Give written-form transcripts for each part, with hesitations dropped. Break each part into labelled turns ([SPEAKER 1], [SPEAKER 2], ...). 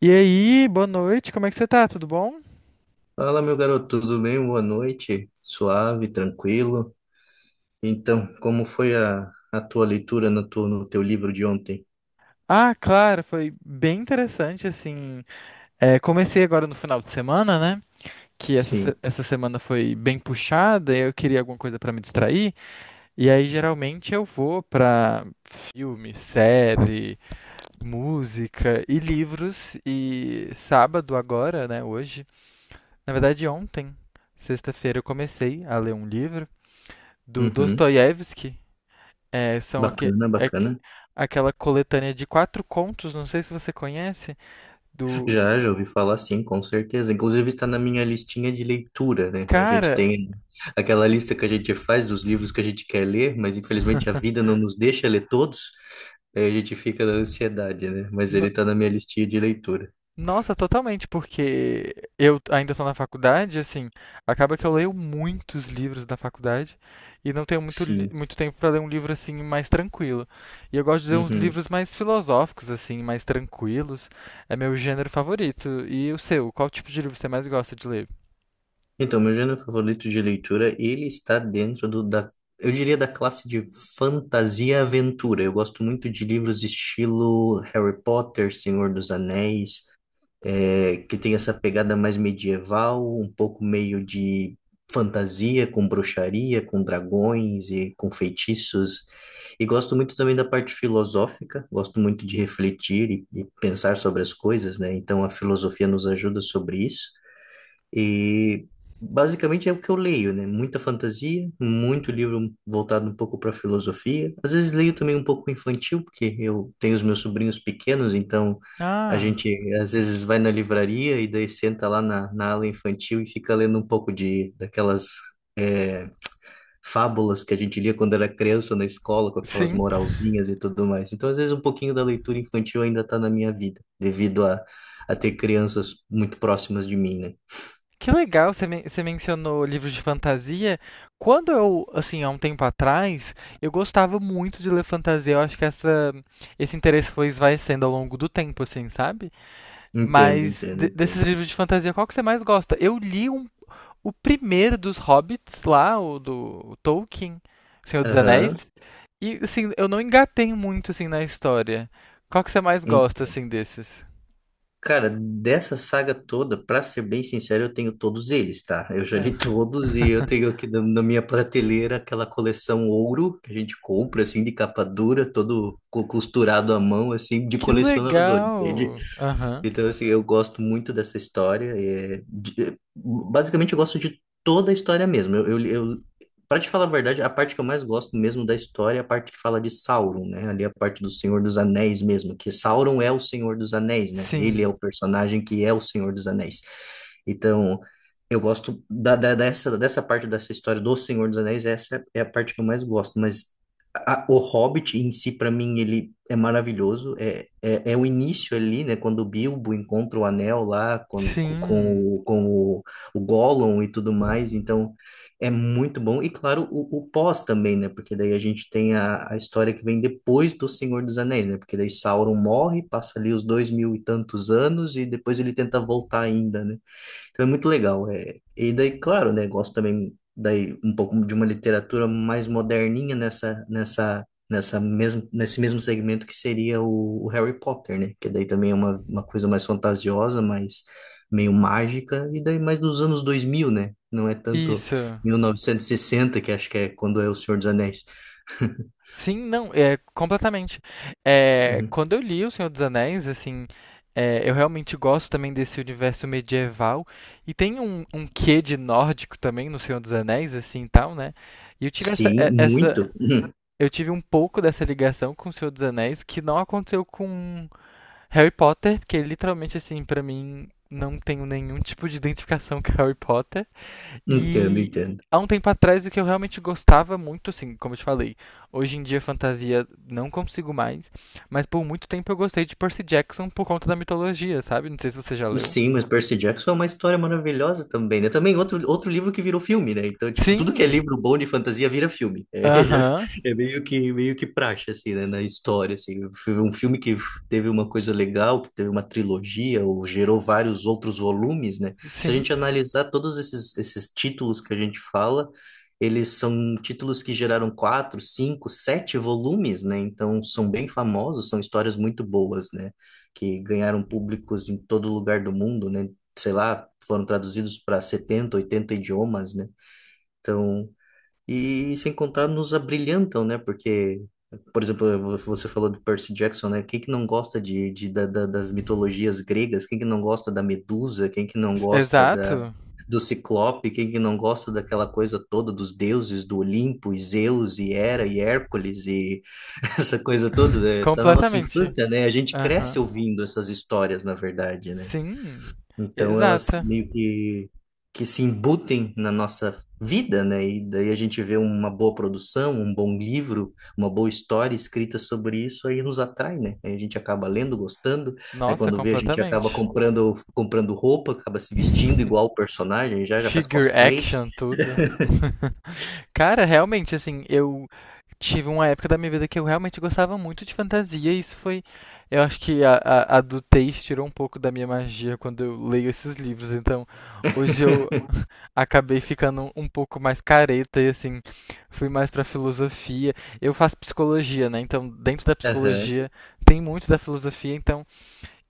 [SPEAKER 1] E aí, boa noite, como é que você tá? Tudo bom?
[SPEAKER 2] Fala, meu garoto, tudo bem? Boa noite. Suave, tranquilo. Então, como foi a tua leitura no teu livro de ontem?
[SPEAKER 1] Ah, claro, foi bem interessante, assim. É, comecei agora no final de semana, né? Que essa, se-
[SPEAKER 2] Sim.
[SPEAKER 1] essa semana foi bem puxada, eu queria alguma coisa pra me distrair. E aí, geralmente, eu vou pra filme, série, música e livros. E sábado agora, né? Hoje. Na verdade, ontem, sexta-feira, eu comecei a ler um livro do
[SPEAKER 2] Uhum.
[SPEAKER 1] Dostoiévski. É, são
[SPEAKER 2] Bacana, bacana.
[SPEAKER 1] aquela coletânea de quatro contos, não sei se você conhece, do
[SPEAKER 2] Já, já ouvi falar, sim, com certeza. Inclusive está na minha listinha de leitura, né? A gente
[SPEAKER 1] cara.
[SPEAKER 2] tem aquela lista que a gente faz dos livros que a gente quer ler, mas infelizmente a vida não nos deixa ler todos. Aí a gente fica na ansiedade, né? Mas ele
[SPEAKER 1] no-
[SPEAKER 2] está na minha listinha de leitura.
[SPEAKER 1] Nossa, totalmente, porque eu ainda estou na faculdade, assim, acaba que eu leio muitos livros da faculdade e não tenho
[SPEAKER 2] Sim.
[SPEAKER 1] muito tempo para ler um livro assim mais tranquilo. E eu gosto de ler uns
[SPEAKER 2] Uhum.
[SPEAKER 1] livros mais filosóficos, assim, mais tranquilos. É meu gênero favorito. E o seu? Qual tipo de livro você mais gosta de ler?
[SPEAKER 2] Então, meu gênero favorito de leitura, ele está dentro da, eu diria, da classe de fantasia e aventura. Eu gosto muito de livros estilo Harry Potter, Senhor dos Anéis, que tem essa pegada mais medieval, um pouco meio de fantasia, com bruxaria, com dragões e com feitiços. E gosto muito também da parte filosófica, gosto muito de refletir e pensar sobre as coisas, né? Então, a filosofia nos ajuda sobre isso. E basicamente é o que eu leio, né? Muita fantasia, muito livro voltado um pouco para filosofia. Às vezes leio também um pouco infantil, porque eu tenho os meus sobrinhos pequenos, então a
[SPEAKER 1] Ah,
[SPEAKER 2] gente às vezes vai na livraria e daí senta lá na ala infantil e fica lendo um pouco de daquelas é, fábulas que a gente lia quando era criança na escola, com aquelas
[SPEAKER 1] sim.
[SPEAKER 2] moralzinhas e tudo mais. Então, às vezes, um pouquinho da leitura infantil ainda está na minha vida, devido a ter crianças muito próximas de mim, né?
[SPEAKER 1] Que legal, você mencionou livros de fantasia. Quando eu, assim, há um tempo atrás, eu gostava muito de ler fantasia. Eu acho que esse interesse foi esvaecendo ao longo do tempo, assim, sabe?
[SPEAKER 2] Entendo,
[SPEAKER 1] Mas
[SPEAKER 2] entendo,
[SPEAKER 1] desses
[SPEAKER 2] entendo.
[SPEAKER 1] livros de fantasia, qual que você mais gosta? Eu li o primeiro dos Hobbits lá, o do o Tolkien, O Senhor dos
[SPEAKER 2] Aham.
[SPEAKER 1] Anéis. E, assim, eu não engatei muito, assim, na história. Qual que você mais gosta,
[SPEAKER 2] En-
[SPEAKER 1] assim, desses?
[SPEAKER 2] Cara, dessa saga toda, pra ser bem sincero, eu tenho todos eles, tá? Eu já
[SPEAKER 1] É.
[SPEAKER 2] li todos e eu tenho aqui na minha prateleira aquela coleção ouro que a gente compra, assim, de capa dura, todo costurado à mão, assim, de
[SPEAKER 1] Que
[SPEAKER 2] colecionador, entende?
[SPEAKER 1] legal! Aham.
[SPEAKER 2] Então, assim, eu gosto muito dessa história. Basicamente, eu gosto de toda a história mesmo. Eu, para te falar a verdade, a parte que eu mais gosto mesmo da história é a parte que fala de Sauron, né? Ali a parte do Senhor dos Anéis mesmo, que Sauron é o Senhor dos Anéis, né? Ele é
[SPEAKER 1] Sim,
[SPEAKER 2] o personagem que é o Senhor dos Anéis. Então, eu gosto da dessa parte dessa história do Senhor dos Anéis, essa é a parte que eu mais gosto. Mas o Hobbit em si, para mim, ele é maravilhoso. É o início ali, né? Quando o Bilbo encontra o anel lá com, com, com,
[SPEAKER 1] sim,
[SPEAKER 2] o, com o Gollum e tudo mais. Então, é muito bom. E, claro, o pós também, né? Porque daí a gente tem a história que vem depois do Senhor dos Anéis, né? Porque daí Sauron morre, passa ali os dois mil e tantos anos e depois ele tenta voltar ainda, né? Então é muito legal. É. E daí, claro, né, gosto também daí um pouco de uma literatura mais moderninha nesse mesmo segmento que seria o Harry Potter, né? Que daí também é uma coisa mais fantasiosa, mais meio mágica, e daí mais dos anos dois mil, né? Não é tanto
[SPEAKER 1] isso.
[SPEAKER 2] mil novecentos e sessenta, que acho que é quando é O Senhor dos Anéis.
[SPEAKER 1] Sim, não, é completamente. É,
[SPEAKER 2] Uhum.
[SPEAKER 1] quando eu li O Senhor dos Anéis, assim, é, eu realmente gosto também desse universo medieval e tem um quê de nórdico também no Senhor dos Anéis, assim, e tal, né? E eu tive
[SPEAKER 2] Sim, muito. Uhum.
[SPEAKER 1] um pouco dessa ligação com O Senhor dos Anéis que não aconteceu com Harry Potter, porque literalmente, assim, pra mim não tenho nenhum tipo de identificação com Harry Potter.
[SPEAKER 2] Entendo,
[SPEAKER 1] E
[SPEAKER 2] entendo.
[SPEAKER 1] há um tempo atrás o que eu realmente gostava muito, assim, como eu te falei, hoje em dia fantasia não consigo mais, mas por muito tempo eu gostei de Percy Jackson por conta da mitologia, sabe? Não sei se você já leu.
[SPEAKER 2] Sim, mas Percy Jackson é uma história maravilhosa também, né? Também outro, outro livro que virou filme, né? Então, tipo, tudo que é
[SPEAKER 1] Sim.
[SPEAKER 2] livro bom de fantasia vira filme. É, já,
[SPEAKER 1] Aham.
[SPEAKER 2] é meio que praxe, assim, né? Na história, assim. Foi um filme que teve uma coisa legal, que teve uma trilogia, ou gerou vários outros volumes, né? Se a
[SPEAKER 1] Sim.
[SPEAKER 2] gente analisar todos esses títulos que a gente fala, eles são títulos que geraram quatro, cinco, sete volumes, né? Então, são bem famosos, são histórias muito boas, né? Que ganharam públicos em todo lugar do mundo, né? Sei lá, foram traduzidos para 70, 80 idiomas, né? Então, e sem contar nos abrilhantam, né? Porque, por exemplo, você falou do Percy Jackson, né? Quem que não gosta das mitologias gregas? Quem que não gosta da Medusa? Quem que não gosta
[SPEAKER 1] Exato.
[SPEAKER 2] do Ciclope? Quem que não gosta daquela coisa toda dos deuses do Olimpo, e Zeus, e Hera, e Hércules, e essa coisa toda, né? Tá na nossa
[SPEAKER 1] Completamente.
[SPEAKER 2] infância, né? A gente
[SPEAKER 1] Aham.
[SPEAKER 2] cresce ouvindo essas histórias, na verdade, né?
[SPEAKER 1] Sim.
[SPEAKER 2] Então elas
[SPEAKER 1] Exata.
[SPEAKER 2] meio que se embutem na nossa vida, né? E daí a gente vê uma boa produção, um bom livro, uma boa história escrita sobre isso, aí nos atrai, né? Aí a gente acaba lendo, gostando. Aí
[SPEAKER 1] Nossa,
[SPEAKER 2] quando vê, a gente acaba
[SPEAKER 1] completamente.
[SPEAKER 2] comprando, comprando roupa, acaba se vestindo igual o personagem, já já faz
[SPEAKER 1] Figure
[SPEAKER 2] cosplay.
[SPEAKER 1] action, tudo. Cara, realmente, assim, eu tive uma época da minha vida que eu realmente gostava muito de fantasia, e isso foi. Eu acho que a do Teis tirou um pouco da minha magia quando eu leio esses livros, então hoje eu acabei ficando um pouco mais careta e, assim, fui mais pra filosofia. Eu faço psicologia, né? Então, dentro da
[SPEAKER 2] Aham.
[SPEAKER 1] psicologia tem muito da filosofia, então.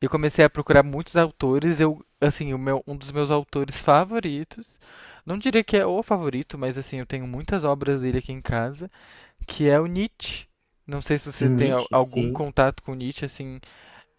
[SPEAKER 1] Eu comecei a procurar muitos autores. Eu, assim, o meu, um dos meus autores favoritos, não diria que é o favorito, mas assim, eu tenho muitas obras dele aqui em casa, que é o Nietzsche. Não sei se você tem
[SPEAKER 2] Nietzsche,
[SPEAKER 1] algum
[SPEAKER 2] sim.
[SPEAKER 1] contato com Nietzsche, assim,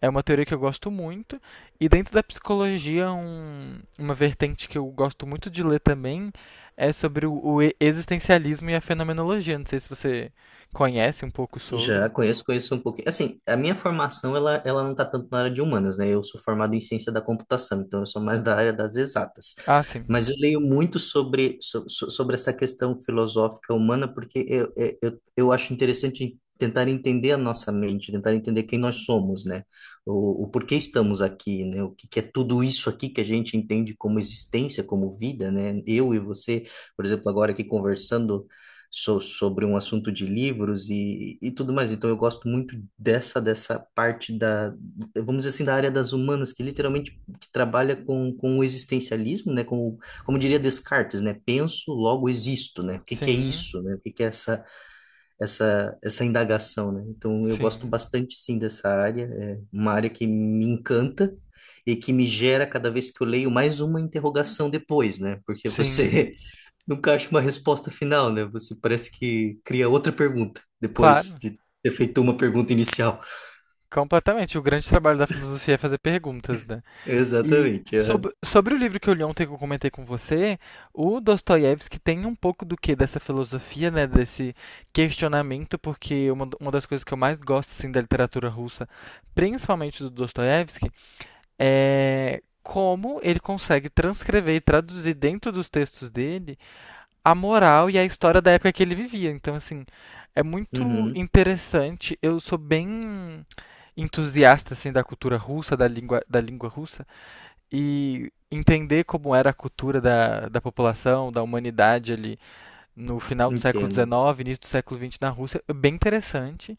[SPEAKER 1] é uma teoria que eu gosto muito. E dentro da psicologia, uma vertente que eu gosto muito de ler também é sobre existencialismo e a fenomenologia. Não sei se você conhece um pouco
[SPEAKER 2] Já
[SPEAKER 1] sobre.
[SPEAKER 2] conheço, conheço um pouquinho. Assim, a minha formação, ela não está tanto na área de humanas, né? Eu sou formado em ciência da computação, então eu sou mais da área das exatas.
[SPEAKER 1] Ah, sim.
[SPEAKER 2] Mas eu leio muito sobre essa questão filosófica humana, porque eu acho interessante tentar entender a nossa mente, tentar entender quem nós somos, né? O porquê estamos aqui, né? O que, que é tudo isso aqui que a gente entende como existência, como vida, né? Eu e você, por exemplo, agora aqui conversando sobre um assunto de livros e tudo mais. Então eu gosto muito dessa parte da, vamos dizer assim, da área das humanas, que literalmente que trabalha com o existencialismo, né? Como diria Descartes, né? Penso, logo existo, né? O que que é
[SPEAKER 1] Sim.
[SPEAKER 2] isso, né? O que que é essa indagação, né? Então, eu gosto
[SPEAKER 1] Sim.
[SPEAKER 2] bastante, sim, dessa área. É uma área que me encanta e que me gera, cada vez que eu leio, mais uma interrogação depois, né? Porque
[SPEAKER 1] Sim.
[SPEAKER 2] você nunca acha uma resposta final, né? Você parece que cria outra pergunta depois
[SPEAKER 1] Claro,
[SPEAKER 2] de ter feito uma pergunta inicial.
[SPEAKER 1] completamente. O grande trabalho da filosofia é fazer perguntas, né? E
[SPEAKER 2] Exatamente. Aham.
[SPEAKER 1] sobre o livro que eu li ontem que eu comentei com você, o Dostoiévski tem um pouco do que dessa filosofia, né? Desse questionamento, porque uma das coisas que eu mais gosto assim, da literatura russa, principalmente do Dostoiévski, é como ele consegue transcrever e traduzir dentro dos textos dele a moral e a história da época que ele vivia. Então, assim, é muito
[SPEAKER 2] Uhum,
[SPEAKER 1] interessante. Eu sou bem entusiasta assim da cultura russa, da língua russa e entender como era a cultura da população, da humanidade ali no final do século
[SPEAKER 2] entendo.
[SPEAKER 1] XIX, início do século XX na Rússia, é bem interessante.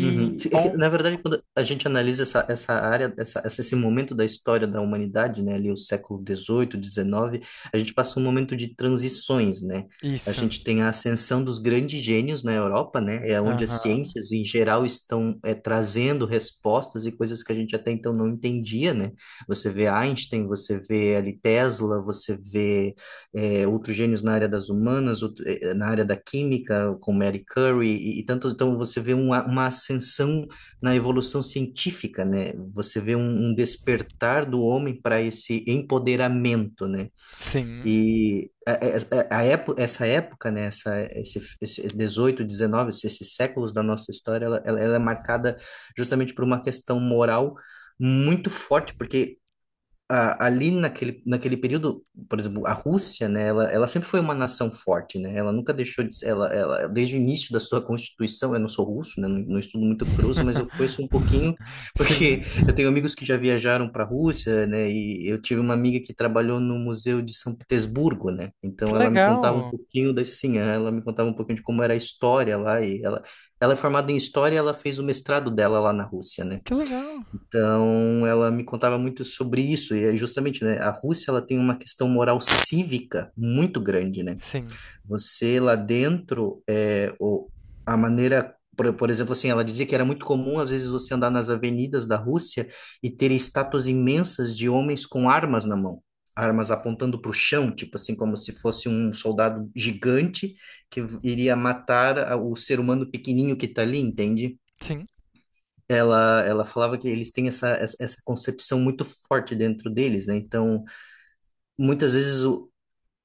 [SPEAKER 2] Uhum. Sim, é que,
[SPEAKER 1] on...
[SPEAKER 2] na verdade, quando a gente analisa essa, essa área, essa- esse momento da história da humanidade, né, ali o século dezoito, XIX, a gente passa um momento de transições, né? A
[SPEAKER 1] isso.
[SPEAKER 2] gente tem a ascensão dos grandes gênios na Europa, né? É onde as
[SPEAKER 1] Aham.
[SPEAKER 2] ciências em geral estão trazendo respostas e coisas que a gente até então não entendia, né? Você vê Einstein, você vê ali Tesla, você vê outros gênios na área das humanas, na área da química, com Mary Curie e tantos. Então, você vê uma ascensão na evolução científica, né? Você vê um, um despertar do homem para esse empoderamento, né?
[SPEAKER 1] Sim.
[SPEAKER 2] E essa época, né? Essa, esse 18, 19, esses séculos da nossa história, ela é marcada justamente por uma questão moral muito forte, porque ali naquele período, por exemplo, a Rússia, né, ela sempre foi uma nação forte, né, ela nunca deixou de ser, desde o início da sua Constituição. Eu não sou russo, né, não, não estudo muito a cultura russa, mas eu conheço um pouquinho,
[SPEAKER 1] Sim.
[SPEAKER 2] porque eu tenho amigos que já viajaram para a Rússia, né, e eu tive uma amiga que trabalhou no Museu de São Petersburgo, né,
[SPEAKER 1] Que
[SPEAKER 2] então ela me contava um
[SPEAKER 1] legal.
[SPEAKER 2] pouquinho da, sim, ela me contava um pouquinho de como era a história lá, e ela é formada em História, ela fez o mestrado dela lá na Rússia, né,
[SPEAKER 1] Que legal.
[SPEAKER 2] então, ela me contava muito sobre isso, e é justamente, né, a Rússia, ela tem uma questão moral cívica muito grande, né?
[SPEAKER 1] Sim.
[SPEAKER 2] Você lá dentro, é, o, a maneira, por exemplo, assim, ela dizia que era muito comum, às vezes, você andar nas avenidas da Rússia e ter estátuas imensas de homens com armas na mão. Armas apontando para o chão, tipo assim, como se fosse um soldado gigante que iria matar o ser humano pequenininho que está ali, entende?
[SPEAKER 1] Sim.
[SPEAKER 2] Ela falava que eles têm essa essa concepção muito forte dentro deles, né? Então, muitas vezes, o...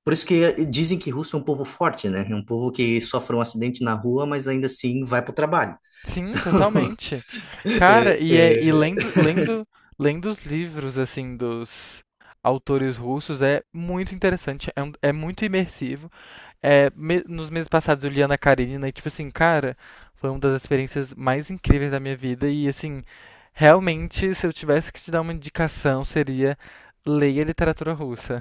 [SPEAKER 2] por isso que dizem que russo é um povo forte, né? É um povo que sofre um acidente na rua, mas ainda assim vai para o trabalho.
[SPEAKER 1] Sim, totalmente. Cara,
[SPEAKER 2] É,
[SPEAKER 1] e
[SPEAKER 2] é,
[SPEAKER 1] lendo, os livros, assim, dos autores russos é muito interessante, é, é muito imersivo. É, nos meses passados eu li Ana Karenina e, tipo assim, cara, foi uma das experiências mais incríveis da minha vida e, assim, realmente, se eu tivesse que te dar uma indicação, seria leia literatura russa.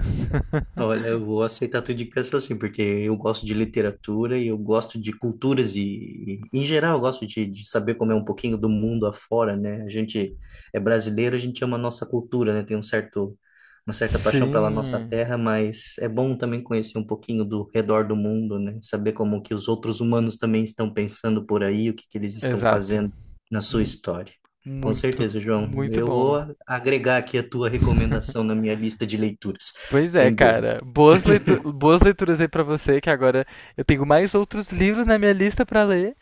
[SPEAKER 2] Olha, eu vou aceitar a tua indicação assim, porque eu gosto de literatura e eu gosto de culturas em geral, eu gosto de saber como é um pouquinho do mundo afora, né? A gente é brasileiro, a gente ama a nossa cultura, né? Tem um certo, uma certa paixão pela nossa
[SPEAKER 1] Sim,
[SPEAKER 2] terra, mas é bom também conhecer um pouquinho do redor do mundo, né? Saber como que os outros humanos também estão pensando por aí, o que que eles estão
[SPEAKER 1] exato.
[SPEAKER 2] fazendo na sua
[SPEAKER 1] Mu-
[SPEAKER 2] história. Com
[SPEAKER 1] Muito,
[SPEAKER 2] certeza, João.
[SPEAKER 1] muito
[SPEAKER 2] Eu vou
[SPEAKER 1] bom.
[SPEAKER 2] agregar aqui a tua recomendação na minha lista de leituras.
[SPEAKER 1] Pois é,
[SPEAKER 2] Sem dúvida.
[SPEAKER 1] cara. Boas leituras aí pra você, que agora eu tenho mais outros livros na minha lista pra ler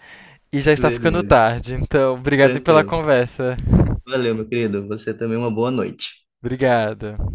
[SPEAKER 1] e já está ficando
[SPEAKER 2] Beleza,
[SPEAKER 1] tarde. Então, obrigado aí pela
[SPEAKER 2] tranquilo.
[SPEAKER 1] conversa.
[SPEAKER 2] Valeu, meu querido. Você também uma boa noite.
[SPEAKER 1] Obrigado.